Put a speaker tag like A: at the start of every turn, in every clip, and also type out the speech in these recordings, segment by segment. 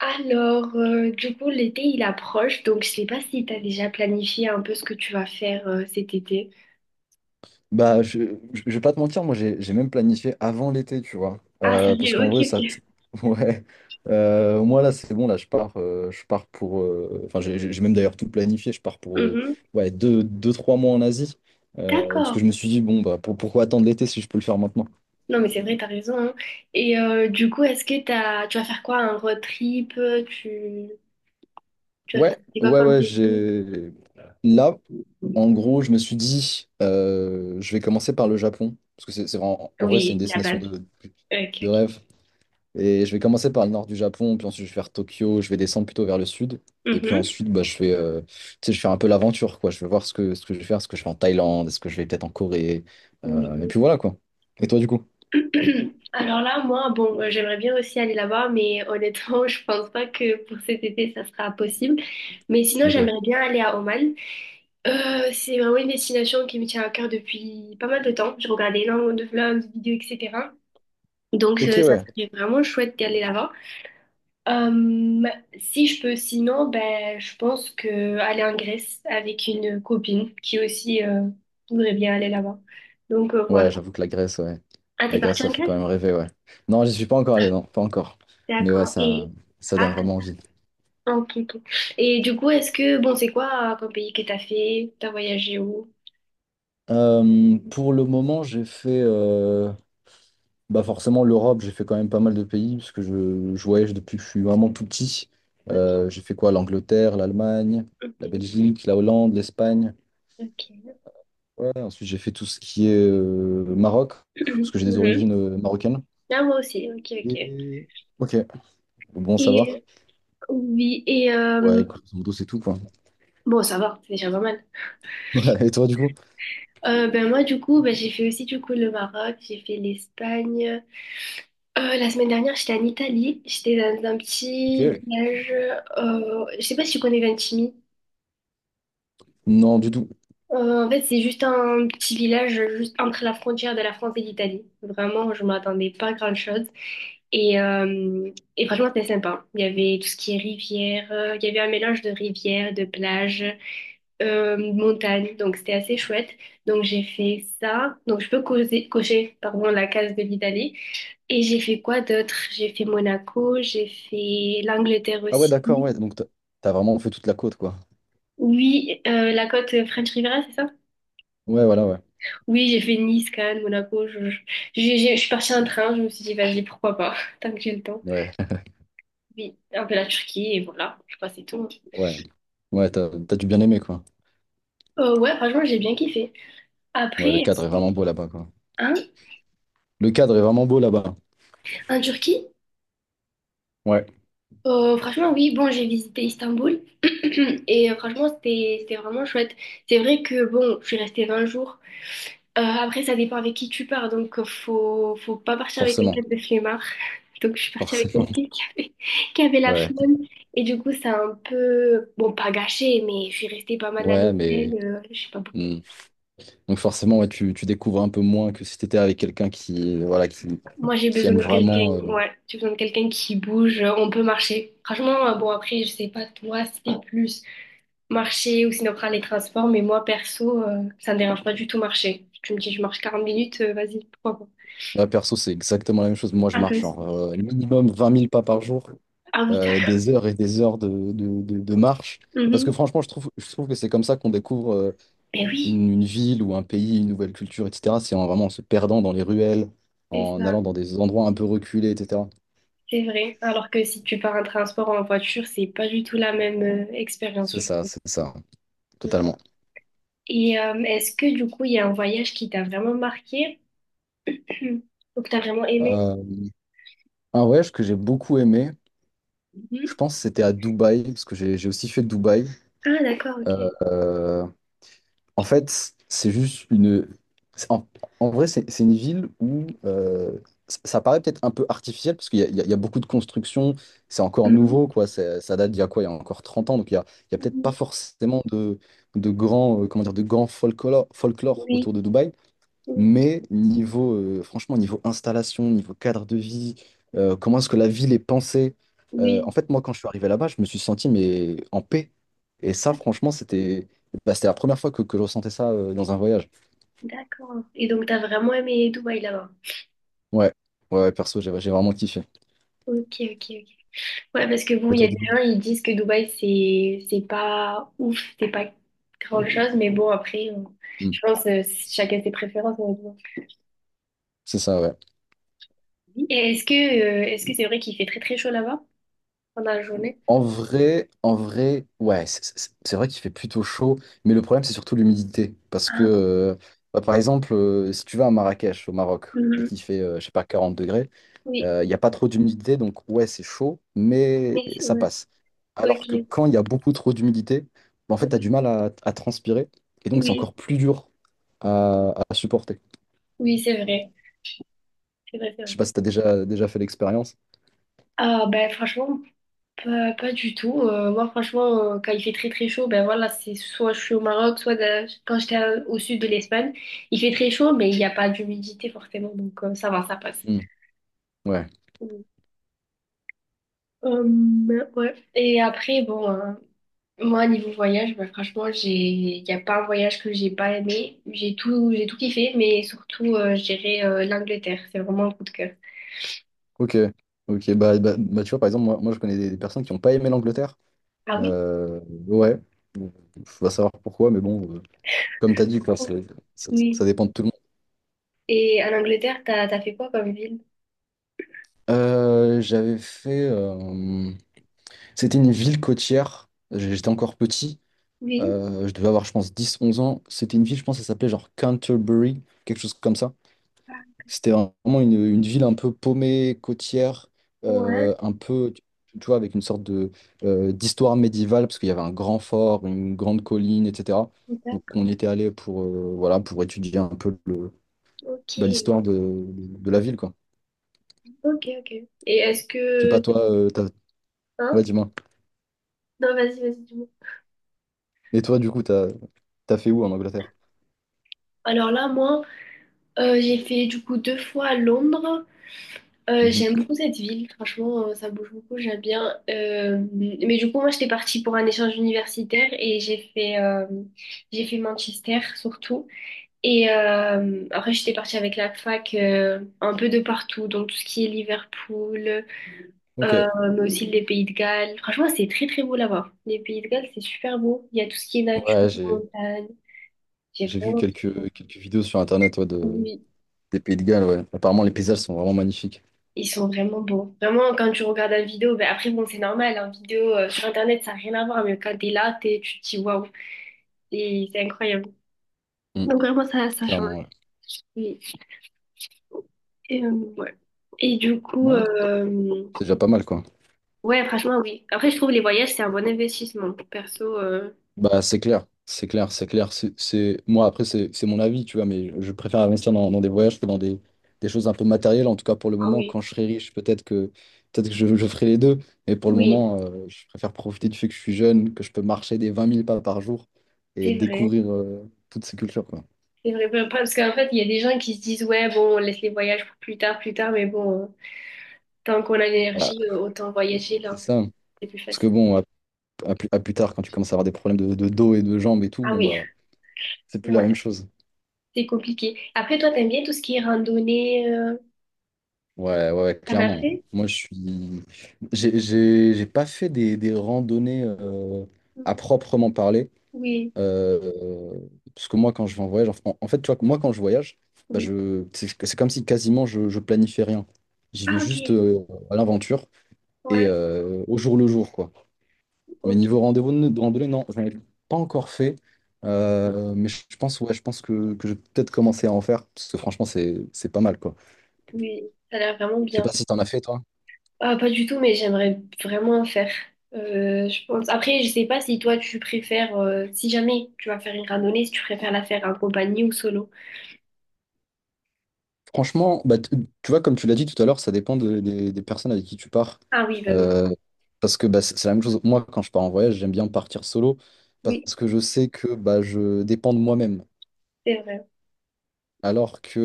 A: Alors, du coup, l'été, il approche, donc je sais pas si tu as déjà planifié un peu ce que tu vas faire cet été.
B: Bah, je vais pas te mentir. Moi, j'ai même planifié avant l'été, tu vois.
A: Ah,
B: Parce
A: sérieux,
B: qu'en
A: ok,
B: vrai,
A: ok.
B: Ouais. Moi là, c'est bon, là, je pars pour. Enfin, j'ai même d'ailleurs tout planifié. Je pars pour
A: Mhm.
B: ouais, 3 mois en Asie. Parce que
A: D'accord.
B: je me suis dit, bon, bah, pourquoi attendre l'été si je peux le faire maintenant?
A: Non, mais c'est vrai, t'as raison, hein. Et du coup, tu vas faire quoi? Un road trip? Tu vas
B: Ouais,
A: visiter quoi
B: ouais,
A: comme
B: ouais,
A: pays?
B: j'ai. Là, en gros, je me suis dit, je vais commencer par le Japon. Parce que en vrai, c'est une
A: Oui, la
B: destination
A: base.
B: de,
A: Ok,
B: de
A: ok.
B: rêve. Et je vais commencer par le nord du Japon, puis ensuite je vais faire Tokyo, je vais descendre plutôt vers le sud. Et puis
A: Mhm.
B: ensuite, bah, je fais un peu l'aventure, quoi. Je vais voir ce que je vais faire, ce que je fais en Thaïlande, est-ce que je vais peut-être en Corée.
A: Oui.
B: Et puis voilà, quoi. Et toi, du coup?
A: Alors là, moi, bon, j'aimerais bien aussi aller là-bas, mais honnêtement, je pense pas que pour cet été, ça sera possible. Mais sinon,
B: Ok.
A: j'aimerais bien aller à Oman. C'est vraiment une destination qui me tient à cœur depuis pas mal de temps. Je regardais énormément de vlogs, de vidéos, etc. Donc,
B: Ok,
A: ça
B: ouais.
A: serait vraiment chouette d'aller là-bas. Euh, si je peux, sinon, ben, je pense que aller en Grèce avec une copine qui aussi voudrait bien aller là-bas. Donc, voilà.
B: Ouais, j'avoue que la Grèce, ouais.
A: Ah, t'es
B: La Grèce,
A: partie
B: ça
A: en
B: fait
A: Grèce?
B: quand même rêver, ouais. Non, j'y suis pas encore allé, non, pas encore. Mais ouais,
A: D'accord.
B: ça, ça donne
A: Ah,
B: vraiment envie.
A: ah, ok, ok. Et du coup, est-ce que, bon, c'est quoi comme pays que t'as fait? T'as voyagé où?
B: Pour le moment, j'ai fait. Bah forcément, l'Europe, j'ai fait quand même pas mal de pays, parce que je voyage depuis que je suis vraiment tout petit.
A: Ok.
B: J'ai fait quoi? L'Angleterre, l'Allemagne, la
A: Mhm.
B: Belgique, la Hollande, l'Espagne.
A: Ok.
B: Ouais, ensuite, j'ai fait tout ce qui est Maroc, parce que j'ai des origines
A: Mhm.
B: marocaines.
A: Ah, moi aussi, ok, ok.
B: Et... Ok, bon à
A: Et
B: savoir.
A: oui, et
B: Ouais, grosso modo, c'est tout, quoi.
A: bon, ça va, c'est déjà pas mal.
B: Ouais, et toi, du coup?
A: Ben moi, du coup, ben, j'ai fait aussi du coup le Maroc, j'ai fait l'Espagne. La semaine dernière, j'étais en Italie, j'étais dans un
B: Ok.
A: petit village. Je sais pas si tu connais Ventimille.
B: Non, du tout.
A: En fait, c'est juste un petit village juste entre la frontière de la France et l'Italie. Vraiment, je m'attendais pas à grand-chose. Et, euh, et franchement, c'était sympa. Il y avait tout ce qui est rivière, il y avait un mélange de rivière, de plage, montagne, donc c'était assez chouette. Donc j'ai fait ça. Donc je peux cocher, pardon, la case de l'Italie. Et j'ai fait quoi d'autre? J'ai fait Monaco, j'ai fait l'Angleterre
B: Ah ouais,
A: aussi.
B: d'accord, ouais. Donc, t'as vraiment fait toute la côte, quoi.
A: Oui, la côte French Riviera, c'est ça?
B: Ouais, voilà, ouais.
A: Oui, j'ai fait Nice, Cannes, Monaco. Je suis partie en train, je me suis dit, vas-y, pourquoi pas, tant que j'ai le temps.
B: Ouais,
A: Oui, un peu la Turquie, et voilà, je crois que c'est tout, hein.
B: ouais. Ouais, t'as dû bien aimer, quoi.
A: Ouais, franchement, j'ai bien kiffé. Après,
B: Ouais, le cadre
A: est-ce
B: est
A: que...
B: vraiment beau là-bas, quoi.
A: Hein?
B: Le cadre est vraiment beau là-bas.
A: En Turquie?
B: Ouais,
A: Franchement, oui, bon, j'ai visité Istanbul et franchement, c'était vraiment chouette. C'est vrai que, bon, je suis restée 20 jours. Après, ça dépend avec qui tu pars, donc faut pas partir avec quelqu'un
B: forcément,
A: de flemmard. Donc, je suis partie avec
B: forcément.
A: quelqu'un qui avait, qui avait la
B: Ouais,
A: flemme et du coup, ça a un peu, bon, pas gâché, mais je suis restée pas mal à
B: ouais,
A: l'hôtel. euh, je sais pas pourquoi.
B: hmm. Donc forcément, ouais, tu découvres un peu moins que si t'étais avec quelqu'un qui, voilà, qui,
A: Moi, j'ai
B: qui
A: besoin
B: aime
A: de quelqu'un,
B: vraiment.
A: ouais, j'ai besoin de quelqu'un qui bouge, on peut marcher. Franchement, bon, après, je sais pas, toi, c'était plus marcher ou sinon prendre les transports. Mais moi, perso, ça me dérange pas du tout marcher. Tu me dis, je marche 40 minutes, vas-y, pourquoi pas?
B: Moi, perso, c'est exactement la même chose. Moi, je
A: Ah, toi
B: marche genre
A: aussi.
B: minimum 20 000 pas par jour,
A: Ah oui,
B: des heures et des heures de marche. Parce que
A: d'accord.
B: franchement, je trouve que c'est comme ça qu'on découvre
A: Mais oui,
B: une ville ou un pays, une nouvelle culture, etc. C'est en vraiment en se perdant dans les ruelles,
A: c'est
B: en
A: ça,
B: allant dans des endroits un peu reculés, etc.
A: c'est vrai. Alors que si tu pars en transport ou en voiture, c'est pas du tout la même expérience. je trouve.
B: C'est ça,
A: Ouais.
B: totalement.
A: Et est-ce que du coup, il y a un voyage qui t'a vraiment marqué ou que t'as vraiment aimé?
B: Euh, Un voyage que j'ai beaucoup aimé, je
A: Mhm.
B: pense que c'était à Dubaï, parce que j'ai aussi fait Dubaï.
A: Ah, d'accord,
B: Euh,
A: ok.
B: euh, En fait, c'est- En, en vrai, c'est une ville où ça paraît peut-être un peu artificiel, parce qu'il y, a il y a- il y a beaucoup de constructions, c'est encore
A: Mhm.
B: nouveau, quoi. Ça date d'il y a quoi? Il y a encore 30 ans, donc il y a peut-être pas
A: Oui,
B: forcément de grands, comment dire, de grands folklore
A: oui,
B: autour de Dubaï.
A: oui,
B: Mais niveau, franchement, niveau installation, niveau cadre de vie, comment est-ce que la ville est pensée? En
A: oui,
B: fait, moi, quand je suis arrivé là-bas, je me suis senti mais en paix. Et ça, franchement, c'était la première fois que je ressentais ça dans un voyage.
A: d'accord. Et donc, t'as vraiment aimé Dubaï là-bas?
B: Ouais, ouais, ouais, perso, j'ai vraiment kiffé.
A: Ok, ok, ok. Ouais, parce que bon,
B: Et
A: il y
B: toi,
A: a des
B: du coup?
A: gens, ils disent que Dubaï, c'est pas ouf, c'est pas grand-chose, mais bon, après,
B: Hmm.
A: je pense, chacun ses préférences. On
B: C'est ça, ouais.
A: Et est-ce que c'est vrai qu'il fait très très chaud là-bas pendant la journée?
B: En vrai, ouais, c'est vrai qu'il fait plutôt chaud, mais le problème, c'est surtout l'humidité. Parce que,
A: Ah,
B: bah, par exemple, si tu vas à Marrakech, au Maroc, et
A: mhm.
B: qu'il fait, je sais pas, 40 degrés,
A: Oui,
B: il n'y a pas trop d'humidité, donc ouais, c'est chaud, mais
A: mais c'est
B: ça
A: vrai.
B: passe. Alors que
A: Ok,
B: quand il y a beaucoup trop d'humidité, bah, en fait, tu as
A: oui,
B: du mal à transpirer, et donc c'est encore
A: oui,
B: plus dur à supporter.
A: oui, c'est vrai, c'est vrai, c'est
B: Je
A: vrai.
B: sais pas si tu as déjà fait l'expérience.
A: Ah, ben franchement, pas, pas du tout. Moi, franchement, quand il fait très très chaud, ben voilà, c'est soit je suis au Maroc, soit quand j'étais au sud de l'Espagne, il fait très chaud, mais il n'y a pas d'humidité forcément, donc ça va, ça passe.
B: Hmm, ouais,
A: Ouais. Et après, bon, hein, moi, niveau voyage, ben, franchement, il n'y a pas un voyage que j'ai pas aimé. J'ai tout kiffé, mais surtout, je dirais l'Angleterre. C'est vraiment un coup de cœur.
B: ok. Ok, bah, bah, bah, tu vois, par exemple, moi je connais des personnes qui n'ont pas aimé l'Angleterre.
A: Ah oui?
B: Euh, ouais. Bon, faut pas savoir pourquoi, mais bon, comme tu as dit, quoi, ça,
A: Oui.
B: ça dépend de tout le monde.
A: Et en Angleterre, t'as fait quoi comme ville?
B: J'avais fait. C'était une ville côtière. J'étais encore petit.
A: Oui.
B: Je devais avoir, je pense, 10, 11 ans. C'était une ville, je pense, ça s'appelait genre Canterbury, quelque chose comme ça. C'était vraiment une ville un peu paumée, côtière,
A: Ouais,
B: un peu, tu vois, avec une sorte d'histoire médiévale, parce qu'il y avait un grand fort, une grande colline, etc. Donc, on
A: d'accord.
B: y était allé pour étudier un peu le,
A: Ok.
B: bah, l'histoire de la ville, quoi.
A: Ok, ok. Et est-ce
B: Je sais pas,
A: que...
B: toi, ouais,
A: Hein?
B: dis-moi.
A: Non, vas-y, vas-y, dis-moi.
B: Et toi, du coup, t'as fait où en Angleterre?
A: Alors là, moi, j'ai fait du coup deux fois Londres.
B: Mhm.
A: J'aime beaucoup cette ville, franchement, ça bouge beaucoup, j'aime bien. Mais du coup, moi, j'étais partie pour un échange universitaire et j'ai fait Manchester surtout. Et après, j'étais partie avec la fac un peu de partout, donc tout ce qui est Liverpool, euh,
B: Ok.
A: mais aussi les Pays de Galles. Franchement, c'est très très beau là-bas. Les Pays de Galles, c'est super beau. Il y a tout ce qui est nature,
B: Ouais, j'ai
A: montagne. J'ai
B: j'ai vu
A: vraiment kiffé.
B: quelques vidéos sur Internet, ouais,
A: Oui,
B: des Pays de Galles, ouais. Apparemment, les paysages sont vraiment magnifiques.
A: ils sont vraiment beaux. Vraiment, quand tu regardes la vidéo, ben après, bon, c'est normal, en vidéo sur Internet, ça n'a rien à voir, mais quand t'es là, tu te dis waouh, c'est incroyable.
B: Mm.
A: Donc, vraiment, ça change.
B: Clairement, ouais.
A: Oui. Et, ouais. Et du coup,
B: Ouais, c'est déjà pas mal, quoi.
A: ouais, franchement, oui. Après, je trouve les voyages, c'est un bon investissement. Perso,
B: Bah, c'est clair, c'est clair, c'est clair. Moi, après, c'est mon avis, tu vois, mais je préfère investir dans des voyages que dans des choses un peu matérielles. En tout cas, pour le
A: ah
B: moment,
A: oui,
B: quand je serai riche, peut-être que je ferai les deux. Mais pour le
A: oui,
B: moment, je préfère profiter du fait que je suis jeune, que je peux marcher des 20 000 pas par jour et
A: c'est vrai.
B: découvrir toutes ces cultures, quoi.
A: C'est vrai, ben, parce qu'en fait, il y a des gens qui se disent, ouais, bon, on laisse les voyages pour plus tard, mais bon, tant qu'on a
B: Ouais.
A: l'énergie, autant voyager
B: C'est
A: là,
B: ça.
A: c'est plus
B: Parce que
A: facile.
B: bon, à plus tard, quand tu commences à avoir des problèmes de dos et de jambes et tout,
A: Ah
B: bon
A: oui.
B: bah, c'est plus la
A: Ouais,
B: même chose.
A: c'est compliqué. Après, toi, t'aimes bien tout ce qui est randonnée,
B: Ouais, ouais, ouais,
A: t'en as
B: clairement.
A: fait?
B: Moi, je suis. J'ai pas fait des randonnées à
A: Mhm.
B: proprement parler.
A: Oui,
B: euh, Parce que moi, quand je vais en voyage, en fait, tu vois, moi, quand je voyage, bah,
A: oui.
B: c'est comme si quasiment je planifiais rien. J'y vais
A: Ah,
B: juste
A: ok.
B: à l'aventure et
A: Ouais,
B: au jour le jour, quoi. Mais niveau
A: ok.
B: rendez-vous de randonnée, non, j'en ai pas encore fait. Mais je pense, ouais, je pense que je vais peut-être commencer à en faire, parce que franchement, c'est pas mal, quoi.
A: Oui, ça a l'air vraiment
B: Je sais
A: bien.
B: pas si t'en as fait, toi.
A: Ah, pas du tout, mais j'aimerais vraiment en faire. Je pense. Après, je sais pas si toi, tu préfères, si jamais tu vas faire une randonnée, si tu préfères la faire en compagnie ou solo.
B: Franchement, bah, tu vois, comme tu l'as dit tout à l'heure, ça dépend des personnes avec qui tu pars.
A: Ah oui, bah oui.
B: Euh, Parce que bah, c'est la même chose. Moi, quand je pars en voyage, j'aime bien partir solo
A: Oui,
B: parce que je sais que bah, je dépends de moi-même.
A: c'est vrai.
B: Alors que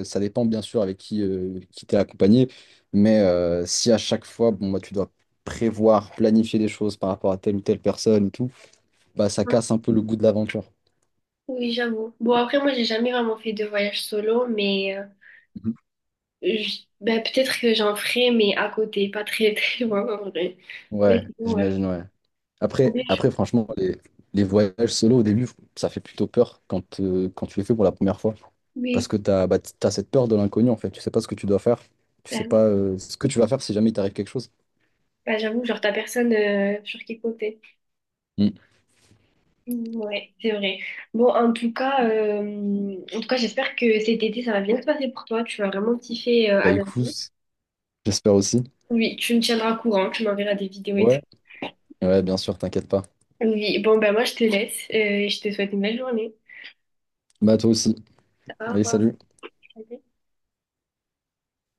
B: ça dépend bien sûr avec qui t'es accompagné, mais si à chaque fois, bon, bah, tu dois prévoir, planifier des choses par rapport à telle ou telle personne et tout, bah, ça
A: Hein.
B: casse un peu le goût de l'aventure.
A: Oui, j'avoue. Bon, après, moi, j'ai jamais vraiment fait de voyage solo, mais
B: Mhm.
A: Ben, peut-être que j'en ferai, mais à côté, pas très très loin en vrai. Mais
B: Ouais,
A: sinon, ouais.
B: j'imagine, ouais.
A: Ou
B: Après,
A: bien, je-
B: après franchement, les voyages solo au début, ça fait plutôt peur quand tu les fais pour la première fois. Parce
A: Oui,
B: que bah, t'as cette peur de l'inconnu, en fait. Tu sais pas ce que tu dois faire. Tu sais
A: oui.
B: pas ce que tu vas faire si jamais il t'arrive quelque chose.
A: Ben, j'avoue, genre t'as personne sur qui compter.
B: Mm.
A: Mm, ouais, c'est vrai. Bon, en tout cas, j'espère que cet été ça va bien se passer pour toi. Tu vas vraiment kiffer
B: Bah
A: à Nagano.
B: écoute, j'espère aussi.
A: Oui, tu me tiendras au courant, tu m'enverras des vidéos et tout.
B: Ouais. Ouais, bien sûr, t'inquiète pas.
A: Oui, bon, ben moi je te laisse, et je te souhaite une belle journée.
B: Bah toi aussi.
A: Au
B: Allez,
A: revoir.
B: salut.
A: Salut.